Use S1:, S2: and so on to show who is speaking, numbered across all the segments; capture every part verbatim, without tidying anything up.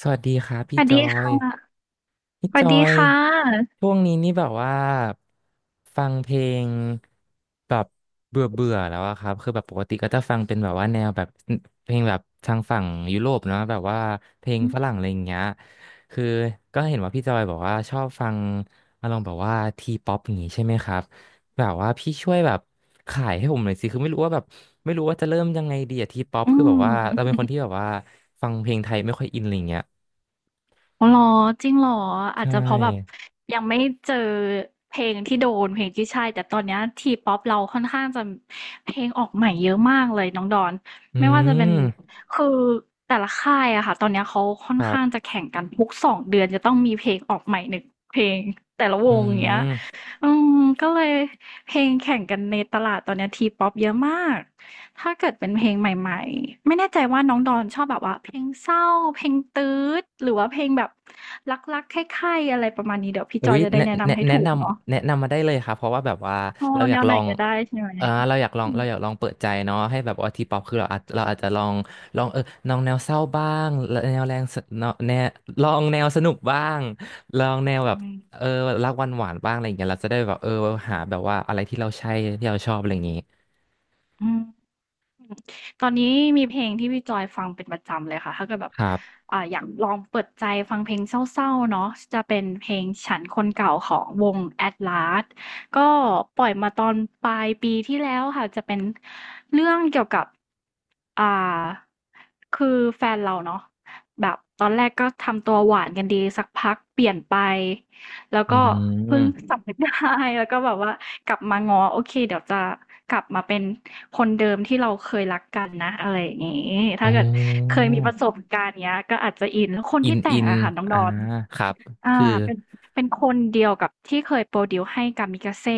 S1: สวัสดีครับ
S2: ส
S1: พี่
S2: วัส
S1: จอ
S2: ดี
S1: ย
S2: ค่ะ
S1: พี่
S2: ส
S1: จ
S2: วัส
S1: อ
S2: ดี
S1: ย
S2: ค่ะ
S1: ช่วงนี้นี่แบบว่าฟังเพลงแบบเบื่อเบื่อแล้วอะครับ คือแบบปกติก็จะฟังเป็นแบบว่าแนวแบบเพลงแบบทางฝั่งยุโรปเนาะแบบว่าเพลงฝรั่งอะไรอย่างเงี้ยคือก็เห็นว่าพี่จอยบอกว่าชอบฟังอารมณ์แบบว่าทีป๊อปอย่างงี้ใช่ไหมครับแบบว่าพี่ช่วยแบบขายให้ผมหน่อยสิคือไม่รู้ว่าแบบไม่รู้ว่าจะเริ่มยังไงดีอะทีป๊อป
S2: อื
S1: คือแบบว่าเรา
S2: ม
S1: เป็นคนที่แบบว่าฟังเพลงไทยไม่ค่อยอินอะไรเงี้ย
S2: อ๋อเหรอจริงเหรอ
S1: ใช
S2: อาจจะเพราะแบบ
S1: ่
S2: ยังไม่เจอเพลงที่โดนเพลงที่ใช่ แต่ตอนเนี้ทีป๊อปเราค่อนข้างจะเพลงออกใหม่เยอะมากเลยน้องดอน
S1: อื
S2: ไม่ว่าจะเป็น
S1: ม
S2: คือแต่ละค่ายอะค่ะตอนเนี้ยเขาค่อ
S1: ค
S2: น
S1: รั
S2: ข้างจะ
S1: บ
S2: แข่งกันทุกสองเดือนจะต้องมีเพลงออกใหม่หนึ่งเพลงแต่ละว
S1: อื
S2: งอย่างเงี้ย
S1: ม
S2: อืมก็เลยเพลงแข่งกันในตลาดตอนเนี้ทีป๊อปเยอะมาก ถ้าเกิดเป็นเพลงใหม่ๆไม่แน่ใจว่าน้องดอนชอบแบบว่าเพลงเศร้าเพลงตื๊ดหรือว่าเพลงแบบรักๆใคร่ๆอะไรประมาณนี้เดี๋ยวพี่
S1: อุ๊
S2: จอ
S1: ย
S2: ยจะได้
S1: แนะ
S2: แนะ
S1: แนะ
S2: นำให้
S1: แนะ
S2: ถู
S1: น
S2: กเนาะ
S1: ำ แนะนำ มาได้เลยครับเพราะว่าแบบว่า
S2: โอ้
S1: เราอ
S2: แน
S1: ยาก
S2: ว
S1: ล
S2: ไหน
S1: อง
S2: ก็ได้ใช่ไห
S1: เอ
S2: ม
S1: อเราอยากลอง
S2: อืม
S1: เราอยากลองเปิดใจเนาะให้แบบว่าทีป๊อปคือเราอาจเราอาจจะลองลองเออลองแนวเศร้าบ้างแนวแรงสแนวแนวลองแนวสนุกบ้าง ลองแนวแบบเออรักหวานหวานบ้างอะไรอย่างเงี้ยเราจะได้แบบเออหาแบบว่าอะไรที่เราใช่ที่เราชอบอะไรอย่างงี้
S2: อืม อืมตอนนี้มีเพลงที่พี่จอยฟังเป็นประจำเลยค่ะถ้าเกิดแบบ
S1: ครับ
S2: อ่าอยากลองเปิดใจฟังเพลงเศร้าๆเนาะจะเป็นเพลงฉันคนเก่าของวงแ Atlas ก็ปล่อยมาตอนปลายปีที่แล้วค่ะจะเป็นเรื่องเกี่ยวกับอ่าคือแฟนเราเนาะแบบตอนแรกก็ทำตัวหวานกันดีสักพักเปลี่ยนไป แล้ว
S1: อื
S2: ก็เพิ่ง
S1: ม
S2: สำนึกได้ แล้วก็แบบว่ากลับมาง้อโอเคเดี๋ยวจะกลับมาเป็นคนเดิมที่เราเคยรักกันนะอะไรอย่างงี้
S1: อ๋
S2: ถ้าเกิดเค
S1: อ
S2: ยมีประสบการณ์เนี้ยก็อาจจะอินแล้วคน
S1: อิ
S2: ที่
S1: น
S2: แต่
S1: อิ
S2: ง
S1: น
S2: อะค่ะน้องด
S1: อ่า
S2: อน
S1: ครับ
S2: อา
S1: คือ
S2: เป็นเป็นคนเดียวกับที่เคยโปรดิวซ์ให้ กามิกาเซ่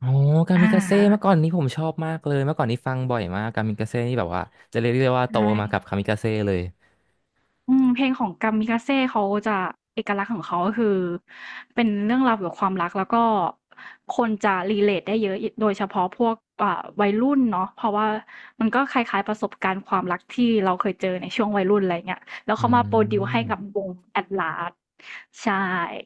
S1: อ๋อกามิ
S2: อา
S1: กาเซ่เมื่อก่อนนี้ผมชอบมากเลยเมื่อก่อนนี้ฟังบ่อยมากกามิกาเซ่นี่แบบว่าจะเรียกได้ว่าโต
S2: ใช่
S1: มากับกามิกาเซ่เลย
S2: อืมเพลงของกามิกาเซ่เขาจะเอกลักษณ์ของเขาก็คือเป็นเรื่องราวเกี่ยวกับความรักแล้วก็คนจะ relate ได้เยอะโดยเฉพาะพวกอ่าวัยรุ่นเนาะเพราะว่ามันก็คล้ายๆประสบการณ์ความรักที่เราเคยเจอในช่วงวัยรุ่นอะไรอย่างเงี้ยแล้ว
S1: อื
S2: เขามาโพรดิวซ์ให้กับ
S1: ม
S2: วง Atlas ใช่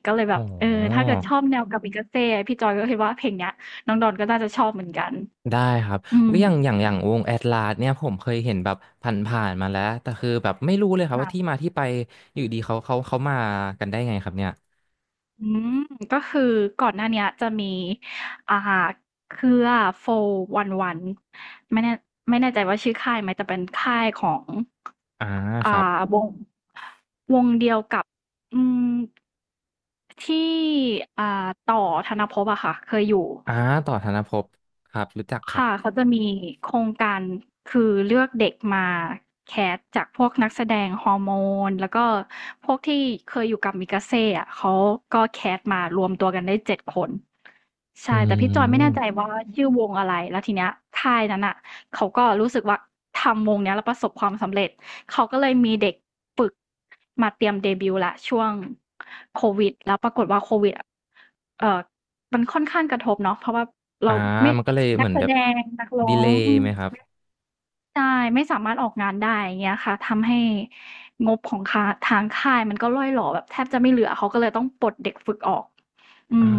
S2: ก็เลยแบ
S1: โอ
S2: บเออ
S1: ้
S2: ถ้าเกิดชอบแนวกามิกาเซ่พี่จอยก็คิดว่าเพลงเนี้ยน้องดอนก็น่าจะชอบเหมือนกัน
S1: ได้ครับ
S2: อืม
S1: อุ๊ยอย่างอย่างอย่างวงแอตลาสเนี่ยผมเคยเห็นแบบผ่านๆมาแล้วแต่คือแบบไม่รู้เลยครับว่าที่
S2: ค่ะ
S1: มาที่ไปอยู่ดีเขาเขาเขามากันได้ไงครับเนี่ย
S2: อืมก็คือก่อนหน้าเนี้ยจะมีอ่าเครือโฟวันวันไม่แน่ไม่แน่ใจว่าชื่อค่ายไหมแต่เป็นค่ายของ
S1: อ่าค
S2: อ่า
S1: รับ
S2: วงวงเดียวกับอืมที่อ่าต่อธนภพอะค่ะเคยอยู่
S1: อ่าต่อธนภพครับรู้จักครั
S2: ค่ะ
S1: บ
S2: เขาจะมีโครงการคือเลือกเด็กมาแคสจากพวกนักแสดงฮอร์โมนแล้วก็พวกที่เคยอยู่กับมิกาเซ่อะเขาก็แคสมารวมตัวกันได้เจ็ดคน
S1: อื
S2: ใช่แต่พี่จอยไม่แน่ใจ
S1: ม
S2: ว่าชื่อวงอะไรแล้วทีเนี้ยค่ายนั้นอ่ะเขาก็รู้สึกว่าทำวงเนี้ยแล้วประสบความสำเร็จเขาก็เลยมีเด็กฝึกมาเตรียมเดบิวต์ละช่วงโควิดแล้วปรากฏว่าโควิดอะเอ่อมันค่อนข้างกระทบเนาะเพราะว่าเรา
S1: อ่า
S2: ไม่
S1: มันก็เลยเห
S2: นั
S1: มื
S2: ก
S1: อน
S2: แส
S1: แบ
S2: ด
S1: บ
S2: งนักร้อ
S1: ดีเล
S2: ง
S1: ย์
S2: อืม
S1: ไหมครับ
S2: ใช่ไม่สามารถออกงานได้อย่างเงี้ยค่ะทำให้งบของคาทางค่ายมันก็ร่อยหรอแบบแทบจะไม่เหลือเขาก็เลยต้องปลดเด็กฝึกออกอื
S1: อ่
S2: ม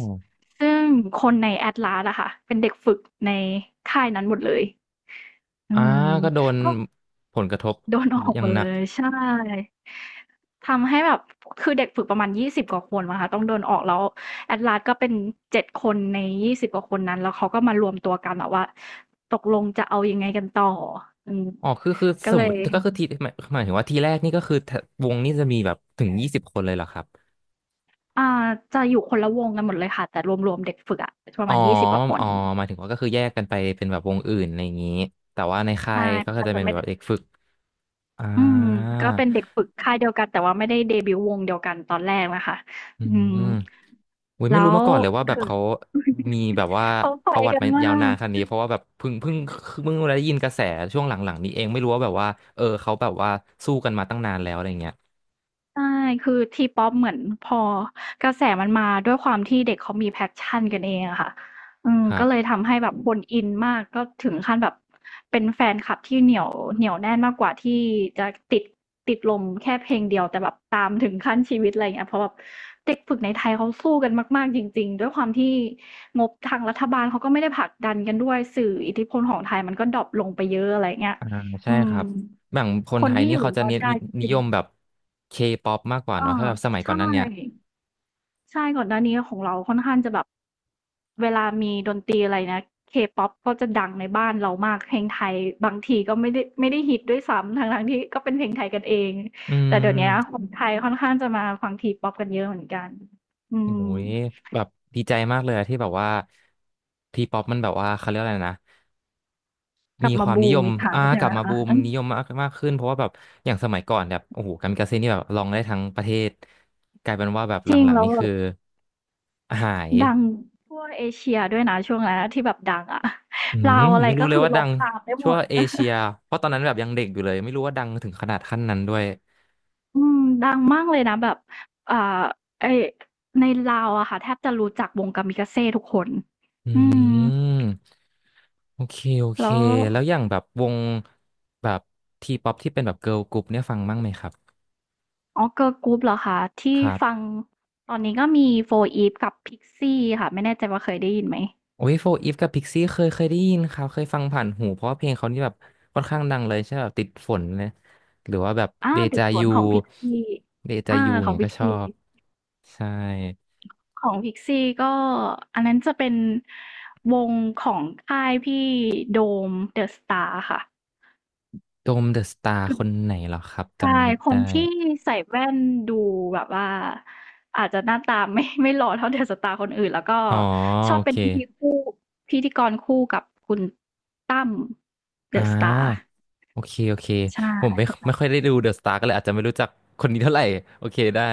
S2: ซซึ่งคนใน Atlas อะค่ะเป็นเด็กฝึกในค่ายนั้นหมดเลยอื
S1: อ่า
S2: ม
S1: ก็โดน
S2: ก็
S1: ผลกระทบ
S2: โดนออก
S1: อ
S2: ห
S1: ย่า
S2: ม
S1: ง
S2: ด
S1: ห
S2: เล
S1: นัก
S2: ยใช่ทำให้แบบคือเด็กฝึกประมาณยี่สิบกว่าคนมั้งคะต้องโดนออกแล้ว Atlas ก็เป็นเจ็ดคนในยี่สิบกว่าคนนั้นแล้วเขาก็มารวมตัวกันแบบว่าตกลงจะเอายังไงกันต่ออืม
S1: อ๋อคือคือ
S2: ก็
S1: สม
S2: เล
S1: ม
S2: ย
S1: ติก็คือทีหมายหมายถึงว่าทีแรกนี่ก็คือถ้าวงนี่จะมีแบบถึงยี่สิบคนเลยเหรอครับ
S2: อ่าจะอยู่คนละวงกันหมดเลยค่ะแต่รวมๆเด็กฝึกอะประ
S1: อ๋อ
S2: มาณยี่สิบกว่าค
S1: อ๋
S2: น
S1: อหมายถึงว่าก็คือแยกกันไปเป็นแบบวงอื่นอะไรอย่างนี้แต่ว่าในค่า
S2: ใช่
S1: ยก็
S2: มัน
S1: จะ
S2: อาจจะ
S1: เป็น
S2: ไม่
S1: แบ
S2: ได้
S1: บเด็กฝึกอ่า
S2: อืมก็เป็นเด็กฝึกค่ายเดียวกันแต่ว่าไม่ได้เดบิวต์วงเดียวกันตอนแรกนะคะ
S1: อื
S2: อื
S1: ม
S2: ม
S1: อุ้ยไม่
S2: แล้
S1: รู้
S2: ว
S1: มาก่อนเลยว่าแบบ
S2: คือ
S1: เขามีแบบว่า
S2: เขาไป
S1: ประวัติ
S2: กัน
S1: มา
S2: มา
S1: ยาวนาน
S2: ก
S1: ขนาดนี้เพราะว่าแบบเพิ่งเพิ่งเพิ่งได้ยินกระแสช่วงหลังๆนี้เองไม่รู้ว่าแบบว่าเออเขาแบบว่าสู้กันมาตั้งนานแล้วอะไรอย่างเงี้ย
S2: ใช่ คือทีป๊อปเหมือนพอกระแสมันมาด้วยความที่เด็กเขามี passion กันเองอะค่ะอืม
S1: ครั
S2: ก็เลย
S1: บ
S2: ทำให้แบบคนอินมาก ก็ถึงขั้นแบบเป็นแฟนคลับที่เหนียวเหนียวแน่นมากกว่าที่จะติดติดลมแค่เพลงเดียวแต่แบบตามถึงขั้นชีวิตอะไรอย่างเงี้ยเพราะแบบเด็กฝึกในไทยเขาสู้กันมากๆจริงๆด้วยความที่งบทางรัฐบาลเขาก็ไม่ได้ผลักดันกันด้วยสื่ออิทธิพลของไทยมันก็ดร็อปลงไปเยอะอะไรอย่างเงี้ย
S1: อ่าใช่
S2: อื
S1: ค
S2: ม
S1: รับอย่างคน
S2: ค
S1: ไท
S2: น
S1: ย
S2: ที่
S1: นี่
S2: อยู่
S1: เขา
S2: ร
S1: จะ
S2: อด
S1: เน้น
S2: ได้
S1: นิ
S2: จ
S1: นิ
S2: ริ
S1: ย
S2: ง
S1: มแบบเคป๊อปมากกว่า
S2: เออ
S1: เนาะถ้าแบบสมัยก่อ
S2: ใช่
S1: นนั้นเนี่ย
S2: ใช่ก่อนหน้านี้ของเราค่อนข้างจะแบบเวลามีดนตรีอะไรนะ เคป๊อป ก็จะดังในบ้านเรามากเพลงไทยบางทีก็ไม่ได้ไม่ได้ฮิตด้วยซ้ำทั้งๆที่ก็เป็นเพลงไทยกันเอง
S1: อื
S2: แต่เดี๋ยวเนี้ยค
S1: ม
S2: นไทยค่อนข้างจะมาฟัง ทีป๊อป กันเยอะเหมือนกันอืม
S1: โอ้ยแบบดีใจมากเลยอะที่แบบว่าทีป๊อปมันแบบว่าเขาเรียกอะไรนะ
S2: ก
S1: มี
S2: ลับ
S1: ค
S2: มา
S1: วามนิ
S2: บู
S1: ย
S2: ม
S1: ม
S2: อีกครั้ง
S1: อ่า
S2: ใช่
S1: ก
S2: ไห
S1: ลั
S2: ม
S1: บมาบู
S2: คะ
S1: ม
S2: อือ
S1: นิยมมากมากขึ้นเพราะว่าแบบอย่างสมัยก่อนแบบโอ้โหกามิกาเซ่นี่แบบลองได้ทั้งประเทศกลายเป็นว่าแบบห
S2: จริง
S1: ลังๆ
S2: แล้ว
S1: นี่
S2: แบ
S1: คือ
S2: บ
S1: หาย
S2: ดังทั่วเอเชียด้วยนะช่วงนั้นอะที่แบบดังอะ
S1: อื ม
S2: ลาว
S1: ผ
S2: อะ
S1: ม
S2: ไร
S1: ไม่รู้
S2: ก็
S1: เลย
S2: คือ
S1: ว่า
S2: ร้
S1: ดั
S2: อง
S1: ง
S2: ตามได้หม
S1: ชั่ว
S2: ด
S1: เอเชียเพราะตอนนั้นแบบยังเด็กอยู่เลยไม่รู้ว่าดังถึงขนาดขั้นนั้นด้วย
S2: อืมดังมากเลยนะแบบอ่าไอ้ในลาวอะค่ะแทบจะรู้จักวง Kamikaze ทุกคน
S1: อื
S2: อืม
S1: มโอเคโอเค
S2: แล้ว
S1: แล้วอย่างแบบวงแบบทีป๊อปที่เป็นแบบเกิร์ลกรุ๊ปเนี่ยฟังบ้างไหมครับ
S2: อ๋อเกิร์ลกรุ๊ปเหรอคะ
S1: ค
S2: ที่
S1: รั
S2: ฟัง
S1: บ
S2: ตอนนี้ก็มีโฟ e ีฟกับ p i x i ่ค่ะไม่แน่ใจว่าเคยได้ยินไหม
S1: โอ้ยโฟร์อีฟกับพิกซี่เคยเคยได้ยินครับเคยฟังผ่านหูเพราะว่าเพลงเขานี่แบบค่อนข้างดังเลยใช่ไหมแบบติดฝนเลยหรือว่าแบบ
S2: อา
S1: เด
S2: ติด
S1: จา
S2: สวน
S1: ยู
S2: ของ p i x i ่
S1: เดจา
S2: อา
S1: ยู
S2: ของ
S1: เงี้ย
S2: p i
S1: ก็
S2: x
S1: ชอ
S2: i ่
S1: บใช่
S2: ของพิกซี่ก็อันนั้นจะเป็นวงของค่ายพี่โดม The Star ค่ะ
S1: โดมเดอะสตาร์คนไหนเหรอครับ
S2: ใช่
S1: จำไม่
S2: ค
S1: ได้
S2: นที่ใส่แว่นดูแบบว่าอาจจะหน้าตาไม่ ไม่หล่อเท่าเดอะสตาร์คนอื่นแล้วก็
S1: อ๋อ
S2: ชอ
S1: โอ
S2: บเป็
S1: เค
S2: นพิธีคู่พิธีกรคู่กับคุณตั้มเด
S1: อ่า
S2: อะสตาร์
S1: โอเคโอเค
S2: ใช่
S1: ผมไม่
S2: คนนั้
S1: ไม่
S2: น
S1: ค่อยได้ดูเดอะสตาร์ก็เลยอาจจะไม่รู้จักคนนี้เท่าไหร่โอเคได้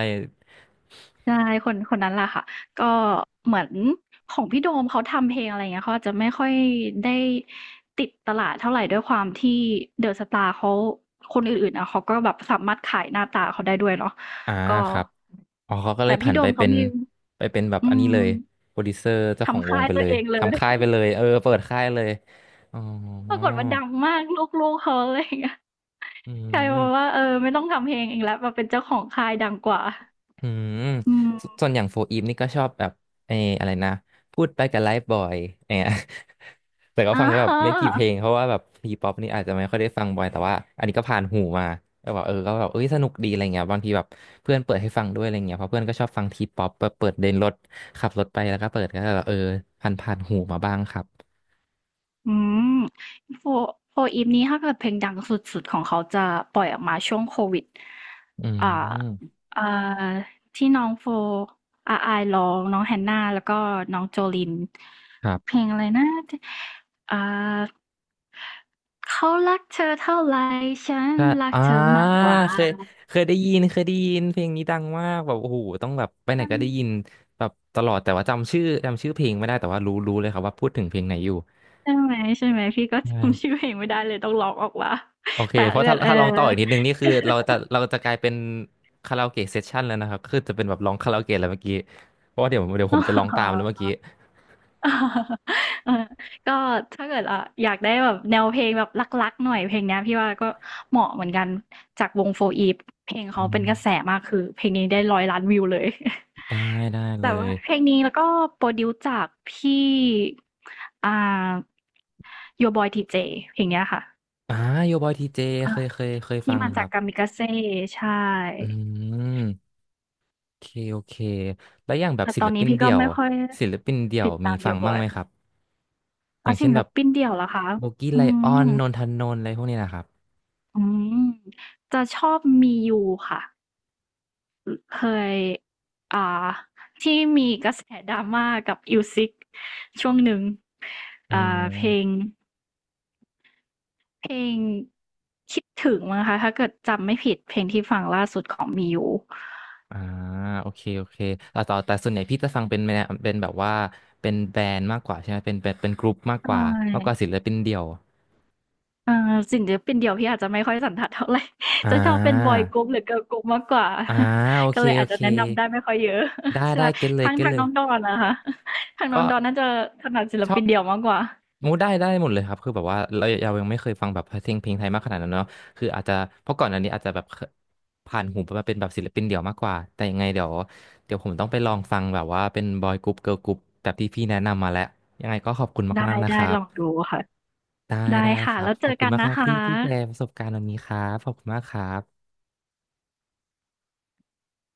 S2: ใช่คนคนนั้นแหละค่ะก็เหมือนของพี่โดมเขาทำเพลงอะไรอย่างเงี้ยเขาอาจจะไม่ค่อยได้ติดตลาดเท่าไรด้วยความที่เดอะสตาร์เขาคนอื่นๆอะเขาก็แบบสามารถขายหน้าตาเขาได้ด้วยเนาะ
S1: อ่า
S2: ก็
S1: ครับอ๋อเขาก็เล
S2: แต่
S1: ยผั
S2: พี่
S1: น
S2: โด
S1: ไป
S2: มเขา
S1: เป็น
S2: มี
S1: ไปเป็นแบบ
S2: อื
S1: อันนี้เล
S2: ม
S1: ยโปรดิวเซอร์เจ้าของ
S2: ทำ
S1: ว
S2: ค่า
S1: ง
S2: ย
S1: ไป
S2: ตั
S1: เล
S2: ว
S1: ย
S2: เองเลย
S1: ทำค่ายไปเลยเออเปิดค่ายเลยอ๋อ
S2: ปรากฏว่าดังมากลูกๆเขาอะไรอย่างเงี้ย
S1: อื
S2: กลายเป็น
S1: ม
S2: ว่าเออไม่ต้องทำเพลงเองแล้วมาเป็นเจ้าของค่ายดังกว่า
S1: อืม
S2: อืม
S1: สส่วนอย่างโฟอีฟนี่ก็ชอบแบบเอออะไรนะพูดไปกับไลฟ์บอยเนี่ย แต่ก็ฟั
S2: อา
S1: งแบบ
S2: ฮะ
S1: ไม่กี่เพลงเพราะว่าแบบทีป๊อปนี่อาจจะไม่ค่อยได้ฟังบ่อยแต่ว่าอันนี้ก็ผ่านหูมาแล้วแบบเออก็แบบเอ้ยสนุกดีอะไรเงี้ยบางทีแบบเพื่อนเปิดให้ฟังด้วยอะไรเงี้ยเพราะเพื่อนก็ชอบฟังทีป๊อปเปิดเดินรถขับรถไปแล้วก็เปิดก็แบบเออผ่านผ่านหูมาบ้างครับ
S2: อืมโฟโฟอีฟนี้ถ้าเกิดเพลงดังสุดๆของเขาจะปล่อยออกมาช่วงโควิด
S1: อื
S2: อ่า
S1: ม
S2: อ่าที่น้องโฟอาอายร้องน้องแฮนนาแล้วก็น้องโจลิน
S1: ครั
S2: เพ
S1: บ
S2: ลงอะไรนะอ่าเขารักเธอเท่าไหร่ฉัน
S1: ใช่
S2: รัก
S1: อ่า
S2: เธอมากกว่า
S1: เคยเคยได้ยินเคยได้ยิน เพลงนี้ดังมากแบบโอ้โหต้องแบบไปไหนก็ได้ยินแบบตลอดแต่ว่าจำชื่อจำชื่อเพลงไม่ได้แต่ว่ารู้รู้เลยครับว่าพูดถึงเพลงไหนอยู่
S2: ใช่ไหมใช่ไหมพี่ก็
S1: ใ
S2: จำชื่อ
S1: ช่
S2: เพลงไม่ได้เลยต้องร้องออกว่า
S1: โอเค
S2: แต่
S1: เพราะ
S2: เอื้อ
S1: ถ้า
S2: นเออ
S1: ถ้าร้องต่ออีกนิดนึงนี่คือเราจะเราจะกลายเป็นคาราโอเกะเซสชั่นแล้วนะครับคือจะเป็นแบบร้องคาราโอเกะแล้วเมื่อกี้เพราะว่าเดี๋ยวเดี๋ยวผมจะร้องตามแล้วเมื่อ กี้
S2: เออก็ถ้าเกิดอ่าอยากได้แบบแนวเพลงแบบรักๆหน่อยเพลงเนี้ยพี่ว่าก็เหมาะเหมือนกันจากวงโฟอีฟเพลงเขา
S1: อื
S2: เป็นกระแส
S1: ม
S2: มากคือเพลงนี้ได้ร้อยล้านวิวเลย
S1: ได้ได้ เล
S2: แต่ว่า
S1: ย
S2: เพลงนี้แล้วก็โปรดิวซ์จากพี่อ่า Your Boy ที เจ เจเพลงเนี้ยค่ะ
S1: อ่าโยบอยทีเจ
S2: อ่า
S1: เคยเคยเคย
S2: ที่
S1: ฟัง
S2: มา
S1: ค
S2: จา
S1: รั
S2: ก
S1: บ
S2: กามิกาเซ่ใช่
S1: อืม โอเคโอเคแล้วอย่างแบบ
S2: แต่
S1: ศิ
S2: ตอ
S1: ล
S2: น
S1: ปิ
S2: นี้
S1: น
S2: พี่ก็
S1: เดี่ยว
S2: ไม่ค่อย
S1: ศิลปินเดี่ยว
S2: ติด
S1: มี
S2: ตาม
S1: ฟัง
S2: Your
S1: บ้าง
S2: Boy
S1: ไหมครับอ
S2: อ่ะ
S1: ย่างเช่
S2: ศิ
S1: น
S2: ล
S1: แบบ
S2: ปินเดี่ยวเหรอคะ
S1: โบกี้ไล
S2: อื
S1: ออน
S2: ม
S1: นนทนนท์อะไรพวกนี้นะครับ
S2: อืมจะชอบมียูค่ะเคยอ่าที่มีกระแสดราม่ากับอิวซิกช่วงหนึ่ง
S1: อ๋อ
S2: อ่าเพลงเพลงคิดถึงมั้งคะถ้าเกิดจำไม่ผิดเพลงที่ฟังล่าสุดของมียู
S1: อ่าโอเคโอเคแต่ต่อแต่ส่วนใหญ่พี่จะฟังเป็นแนวเป็นแบบว่าเป็นแบรนด์มากกว่าใช่ไหมเป็นเป็นเป็นกรุ๊ปมาก
S2: ใช
S1: กว่ามากกว่า
S2: ่
S1: ศิลปินเดี่ยว
S2: เอ่อสิ่งเดียวเป็นเดี่ยวพี่อาจจะไม่ค่อยสันทัดเท่าไหร่
S1: อ่
S2: จะชอบเป็นบอ
S1: า
S2: ยกรุ๊ปหรือเกิร์ลกรุ๊ปมากกว่า
S1: อ่าโอ
S2: ก็
S1: เค
S2: เลย
S1: โอ
S2: อาจจะ
S1: เค
S2: แนะนำได้ไม่ค่อยเยอะ
S1: ได้
S2: ใช่ไหม
S1: ได้เก็ตเลย
S2: ทาง
S1: เก็ต
S2: ทาง
S1: เลย
S2: น้องดอนนะคะ ทางน้อง
S1: ก็
S2: ดอนน่าจะถนัดศิล
S1: ชอ
S2: ปิ
S1: บ
S2: นเดี่ยวมากกว่า
S1: โอ้ได้ได้หมดเลยครับคือแบบว่าเราเรายังไม่เคยฟังแบบเพลงเพลงไทยมากขนาดนั้นเนาะคืออาจจะเพราะก่อนอันนี้อาจจะแบบเคผ่านหูมาเป็นแบบศิลปินเดี่ยวมากกว่าแต่ยังไงเดี๋ยวเดี๋ยวผมต้องไปลองฟังแบบว่าเป็นบอยกรุ๊ปเกิร์ลกรุ๊ปแบบที่พี่แนะนำมาแล้วยังไงก็ขอบคุณ
S2: ได้
S1: มากๆนะค
S2: ได้
S1: รั
S2: ล
S1: บ
S2: องดูค่ะ
S1: ได้
S2: ได้
S1: ได้ค
S2: ค่ะ
S1: รับ
S2: แล้ว
S1: ข
S2: เจ
S1: อบ
S2: อ
S1: คุณ
S2: กัน
S1: มากค
S2: นะ
S1: รับ
S2: คะ
S1: ที่ที่แชร์ประสบการณ์วันนี้ครับขอบคุณมากครับ